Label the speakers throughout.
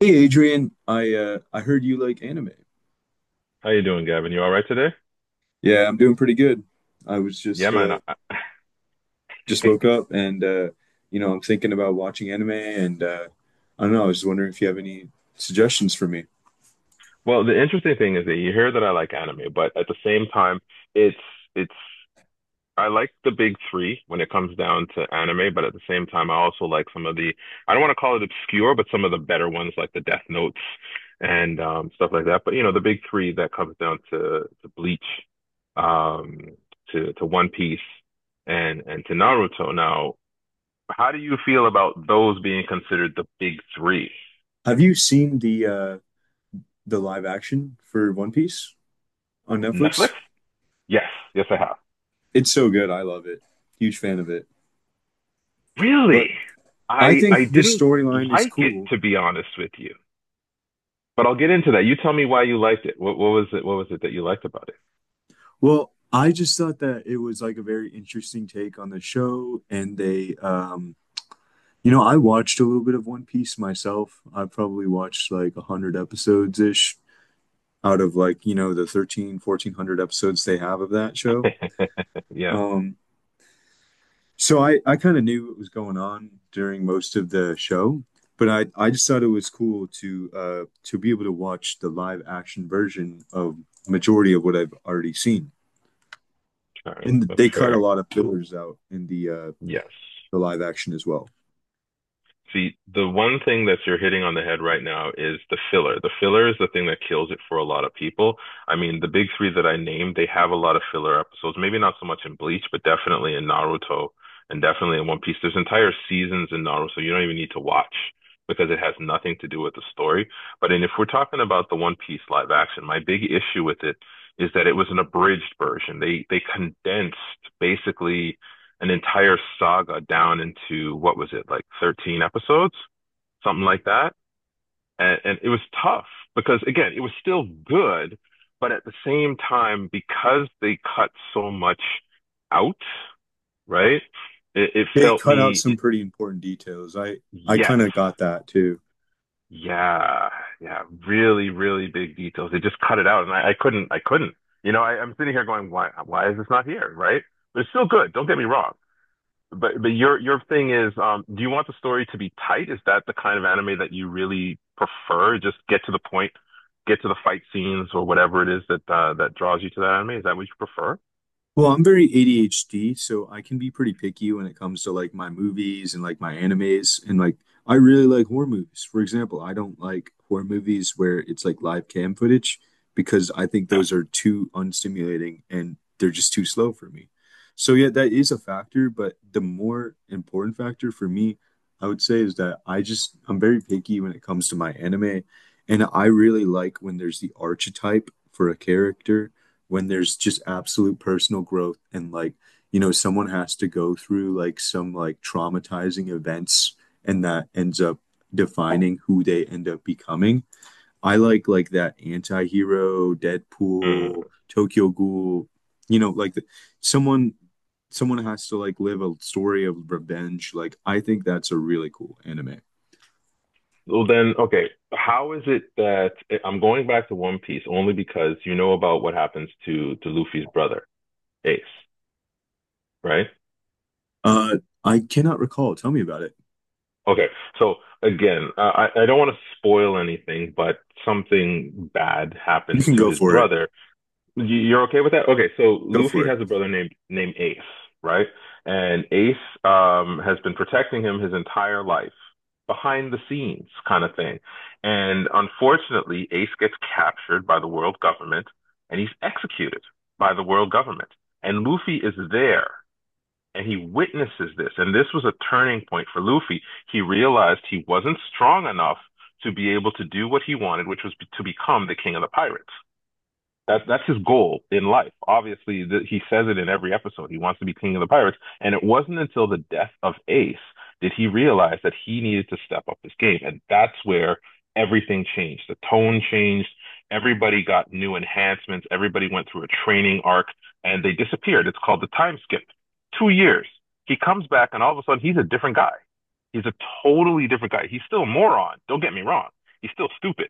Speaker 1: Hey Adrian, I heard you like anime.
Speaker 2: How you doing, Gavin? You all right today?
Speaker 1: Yeah, I'm doing pretty good. I was
Speaker 2: Yeah, man.
Speaker 1: just woke up and you know, I'm thinking about watching anime and I don't know, I was just wondering if you have any suggestions for me.
Speaker 2: Well, the interesting thing is that you hear that I like anime, but at the same time, it's it's I like the big three when it comes down to anime, but at the same time, I also like some of the I don't want to call it obscure, but some of the better ones like the Death Notes and stuff like that. But you know, the big three that comes down to Bleach, um, to One Piece, and to Naruto. Now, how do you feel about those being considered the big three?
Speaker 1: Have you seen the live action for One Piece on Netflix?
Speaker 2: Netflix? Yes, yes, I have.
Speaker 1: It's so good. I love it. Huge fan of it.
Speaker 2: Really?
Speaker 1: But I
Speaker 2: I
Speaker 1: think this
Speaker 2: didn't
Speaker 1: storyline is
Speaker 2: like it,
Speaker 1: cool.
Speaker 2: to be honest with you. But I'll get into that. You tell me why you liked it. What was it? What was it that you liked about it?
Speaker 1: Well, I just thought that it was like a very interesting take on the show, and they you know, I watched a little bit of One Piece myself. I probably watched like 100 episodes ish out of, like, you know, the 13, 1,400 episodes they have of that show.
Speaker 2: Yeah,
Speaker 1: Um, so I kind of knew what was going on during most of the show, but I just thought it was cool to be able to watch the live action version of majority of what I've already seen.
Speaker 2: sorry.
Speaker 1: And
Speaker 2: That's
Speaker 1: they cut a
Speaker 2: fair.
Speaker 1: lot of fillers out in
Speaker 2: Yes.
Speaker 1: the live action as well.
Speaker 2: See, the one thing that you're hitting on the head right now is the filler. The filler is the thing that kills it for a lot of people. I mean, the big three that I named, they have a lot of filler episodes. Maybe not so much in Bleach, but definitely in Naruto and definitely in One Piece. There's entire seasons in Naruto you don't even need to watch because it has nothing to do with the story. But and if we're talking about the One Piece live action, my big issue with it is that it was an abridged version. They condensed basically an entire saga down into what was it like 13 episodes, something like that. And it was tough because again, it was still good, but at the same time, because they cut so much out, right? It
Speaker 1: They
Speaker 2: felt
Speaker 1: cut out
Speaker 2: me,
Speaker 1: some pretty important details. I
Speaker 2: yes,
Speaker 1: kind of got that too.
Speaker 2: yeah, yeah, really, really big details. They just cut it out, and I couldn't, I couldn't. You know, I'm sitting here going, why is this not here, right? But it's still good. Don't get me wrong. But your thing is, do you want the story to be tight? Is that the kind of anime that you really prefer? Just get to the point, get to the fight scenes or whatever it is that that draws you to that anime. Is that what you prefer?
Speaker 1: Well, I'm very ADHD, so I can be pretty picky when it comes to like my movies and like my animes. And like, I really like horror movies. For example, I don't like horror movies where it's like live cam footage because I think
Speaker 2: Yeah.
Speaker 1: those are too unstimulating and they're just too slow for me. So, yeah, that is a factor. But the more important factor for me, I would say, is that I'm very picky when it comes to my anime. And I really like when there's the archetype for a character, when there's just absolute personal growth, and like, you know, someone has to go through like some like traumatizing events and that ends up defining who they end up becoming. I like that anti-hero Deadpool,
Speaker 2: Mm.
Speaker 1: Tokyo Ghoul, you know, like someone someone has to like live a story of revenge. Like I think that's a really cool anime.
Speaker 2: Well then, okay. How is it that I'm going back to One Piece only because you know about what happens to Luffy's brother, Ace, right?
Speaker 1: uh I cannot recall, tell me about it.
Speaker 2: Okay. So again, I don't want to spoil anything, but something bad
Speaker 1: You
Speaker 2: happens
Speaker 1: can
Speaker 2: to
Speaker 1: go
Speaker 2: his
Speaker 1: for it.
Speaker 2: brother. You- are okay with that? Okay, so
Speaker 1: Go for
Speaker 2: Luffy
Speaker 1: it.
Speaker 2: has a brother named Ace, right? And Ace has been protecting him his entire life, behind the scenes kind of thing. And unfortunately, Ace gets captured by the world government and he's executed by the world government. And Luffy is there and he witnesses this. And this was a turning point for Luffy. He realized he wasn't strong enough to be able to do what he wanted, which was to become the king of the pirates. That's his goal in life. Obviously, he says it in every episode. He wants to be king of the pirates, and it wasn't until the death of Ace did he realize that he needed to step up his game, and that's where everything changed. The tone changed. Everybody got new enhancements. Everybody went through a training arc, and they disappeared. It's called the time skip. 2 years. He comes back, and all of a sudden, he's a different guy. He's a totally different guy. He's still a moron. Don't get me wrong. He's still stupid,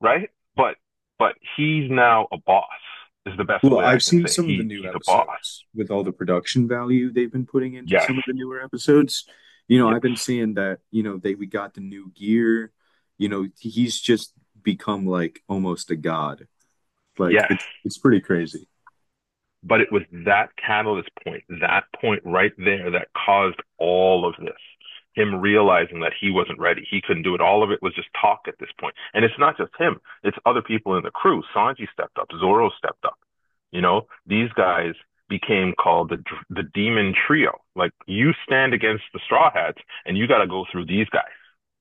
Speaker 2: right? But he's now a boss. Is the best
Speaker 1: Well,
Speaker 2: way I
Speaker 1: I've
Speaker 2: can
Speaker 1: seen
Speaker 2: say it.
Speaker 1: some of the
Speaker 2: he
Speaker 1: new
Speaker 2: he's a boss.
Speaker 1: episodes with all the production value they've been putting into
Speaker 2: Yes,
Speaker 1: some of the newer episodes. You know, I've
Speaker 2: yes,
Speaker 1: been seeing that, you know, they we got the new gear. You know, he's just become like almost a god. Like
Speaker 2: yes.
Speaker 1: it's pretty crazy.
Speaker 2: But it was that catalyst point, that point right there, that caused all of this. Him realizing that he wasn't ready, he couldn't do it. All of it was just talk at this point. And it's not just him; it's other people in the crew. Sanji stepped up, Zoro stepped up. You know, these guys became called the Demon Trio. Like you stand against the Straw Hats, and you got to go through these guys.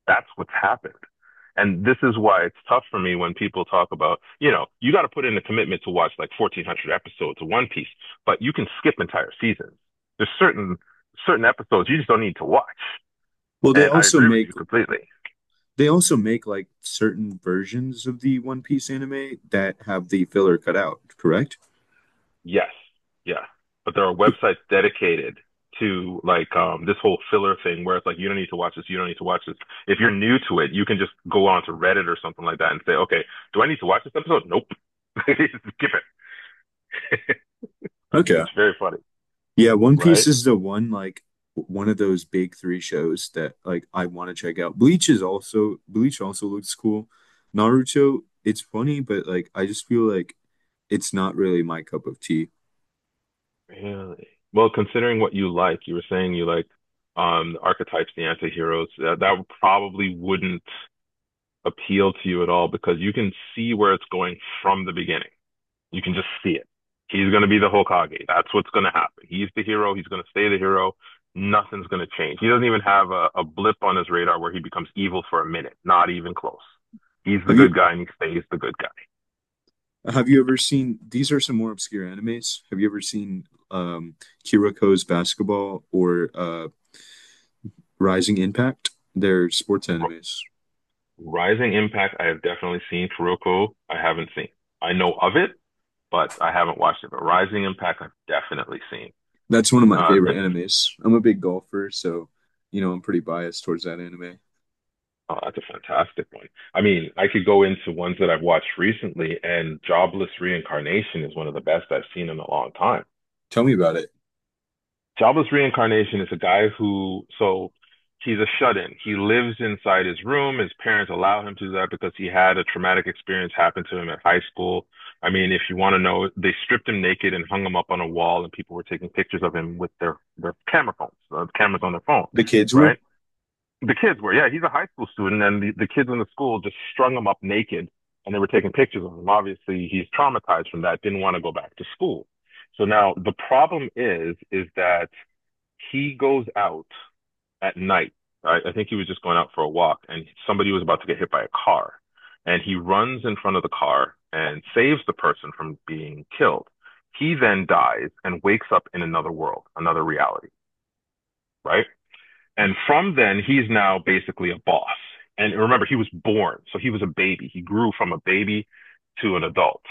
Speaker 2: That's what's happened. And this is why it's tough for me when people talk about, you know, you got to put in a commitment to watch like 1400 episodes of One Piece, but you can skip entire seasons. There's certain, certain episodes you just don't need to watch.
Speaker 1: Well,
Speaker 2: And I agree with you completely.
Speaker 1: they also make like certain versions of the One Piece anime that have the filler cut out, correct?
Speaker 2: Yes. Yeah. But there are websites dedicated to like this whole filler thing where it's like you don't need to watch this, you don't need to watch this. If you're new to it, you can just go on to Reddit or something like that and say, okay, do I need to watch this episode? Nope, skip it.
Speaker 1: Okay.
Speaker 2: It's very funny.
Speaker 1: Yeah, One Piece
Speaker 2: Right?
Speaker 1: is the one like one of those big three shows that like I want to check out. Bleach is also, Bleach also looks cool. Naruto, it's funny, but like I just feel like it's not really my cup of tea.
Speaker 2: Really? Well, considering what you like, you were saying you like the archetypes, the anti-heroes, that probably wouldn't appeal to you at all because you can see where it's going from the beginning. You can just see it. He's going to be the Hokage. That's what's going to happen. He's the hero. He's going to stay the hero. Nothing's going to change. He doesn't even have a blip on his radar where he becomes evil for a minute. Not even close. He's the
Speaker 1: Have you
Speaker 2: good guy and he stays the good guy.
Speaker 1: have you ever seen, these are some more obscure animes? Have you ever seen um Kiriko's Basketball or Rising Impact? They're sports animes.
Speaker 2: Rising Impact, I have definitely seen. Kuroko, I haven't seen. I know of it, but I haven't watched it. But Rising Impact, I've definitely seen.
Speaker 1: That's one of my
Speaker 2: Uh,
Speaker 1: favorite
Speaker 2: th-
Speaker 1: animes. I'm a big golfer, so you know, I'm pretty biased towards that anime.
Speaker 2: oh, that's a fantastic one. I mean, I could go into ones that I've watched recently, and Jobless Reincarnation is one of the best I've seen in a long time.
Speaker 1: Tell me about it.
Speaker 2: Jabba's reincarnation is a guy who, so he's a shut-in. He lives inside his room. His parents allow him to do that because he had a traumatic experience happen to him at high school. I mean, if you want to know, they stripped him naked and hung him up on a wall, and people were taking pictures of him with their camera phones, cameras on their phone,
Speaker 1: The kids were.
Speaker 2: right? The kids were, yeah, he's a high school student, and the kids in the school just strung him up naked, and they were taking pictures of him. Obviously, he's traumatized from that, didn't want to go back to school. So now the problem is that he goes out at night. I think he was just going out for a walk, and somebody was about to get hit by a car, and he runs in front of the car and saves the person from being killed. He then dies and wakes up in another world, another reality, right? And from then, he's now basically a boss. And remember, he was born, so he was a baby. He grew from a baby to an adult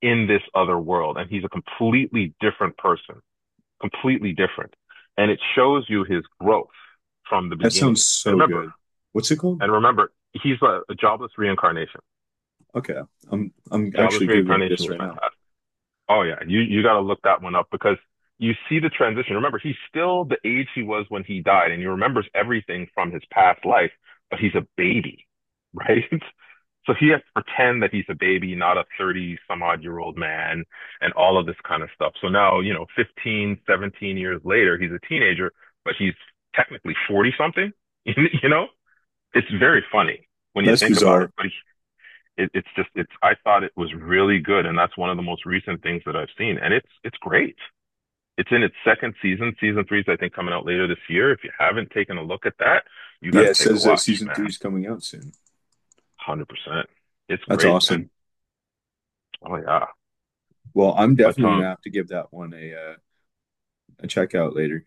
Speaker 2: in this other world, and he's a completely different person, completely different. And it shows you his growth from the
Speaker 1: That sounds
Speaker 2: beginning. And
Speaker 1: so
Speaker 2: remember,
Speaker 1: good. What's it called?
Speaker 2: and remember, he's a jobless reincarnation.
Speaker 1: Okay, I'm
Speaker 2: Jobless
Speaker 1: actually Googling
Speaker 2: reincarnation
Speaker 1: this
Speaker 2: is
Speaker 1: right now.
Speaker 2: fantastic. Oh yeah, you got to look that one up because you see the transition. Remember, he's still the age he was when he died, and he remembers everything from his past life, but he's a baby, right? So he has to pretend that he's a baby, not a 30 some odd year old man, and all of this kind of stuff. So now, you know, 15, 17 years later, he's a teenager, but he's technically 40 something, you know? It's very funny when you
Speaker 1: That's
Speaker 2: think about
Speaker 1: bizarre.
Speaker 2: it, but it's I thought it was really good, and that's one of the most recent things that I've seen, and it's great. It's in its second season. Season three is I think coming out later this year. If you haven't taken a look at that, you got
Speaker 1: Yeah,
Speaker 2: to
Speaker 1: it
Speaker 2: take a
Speaker 1: says that
Speaker 2: watch,
Speaker 1: season
Speaker 2: man.
Speaker 1: three
Speaker 2: one
Speaker 1: is coming out soon.
Speaker 2: Hundred percent. It's
Speaker 1: That's
Speaker 2: great, man.
Speaker 1: awesome.
Speaker 2: Oh yeah.
Speaker 1: Well, I'm
Speaker 2: But
Speaker 1: definitely gonna have to give that one a check out later.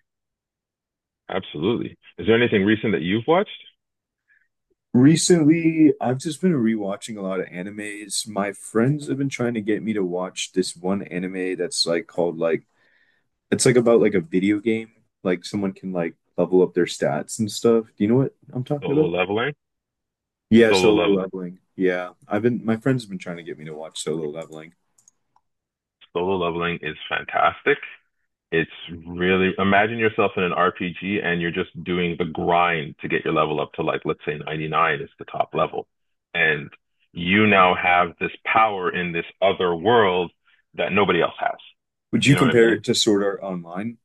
Speaker 2: absolutely. Is there anything recent that you've watched?
Speaker 1: Recently, I've just been rewatching a lot of animes. My friends have been trying to get me to watch this one anime that's called, it's like about like a video game. Like someone can like level up their stats and stuff. Do you know what I'm talking
Speaker 2: Solo
Speaker 1: about?
Speaker 2: Leveling.
Speaker 1: Yeah,
Speaker 2: Solo
Speaker 1: solo
Speaker 2: Leveling.
Speaker 1: leveling. Yeah. I've been my friends have been trying to get me to watch solo leveling.
Speaker 2: Solo Leveling is fantastic. It's really imagine yourself in an RPG and you're just doing the grind to get your level up to like let's say 99 is the top level. And you now have this power in this other world that nobody else has.
Speaker 1: Would
Speaker 2: You
Speaker 1: you
Speaker 2: know what I
Speaker 1: compare
Speaker 2: mean?
Speaker 1: it to Sword Art Online?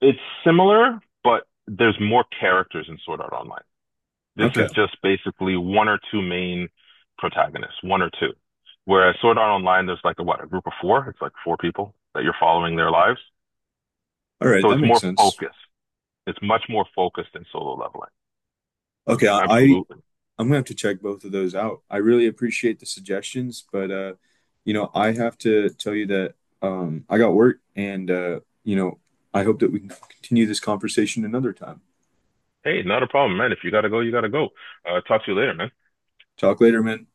Speaker 2: It's similar, but there's more characters in Sword Art Online. This
Speaker 1: Okay.
Speaker 2: is just basically one or two main protagonists, one or two. Whereas Sword Art Online, there's like a what, a group of four? It's like four people that you're following their lives.
Speaker 1: All right,
Speaker 2: So
Speaker 1: that
Speaker 2: it's
Speaker 1: makes
Speaker 2: more
Speaker 1: sense.
Speaker 2: focused. It's much more focused than solo leveling.
Speaker 1: Okay, I, I
Speaker 2: Absolutely.
Speaker 1: I'm gonna have to check both of those out. I really appreciate the suggestions, but you know, I have to tell you that I got work, and you know, I hope that we can continue this conversation another time.
Speaker 2: Hey, not a problem, man. If you gotta go, you gotta go. Talk to you later, man.
Speaker 1: Talk later, man.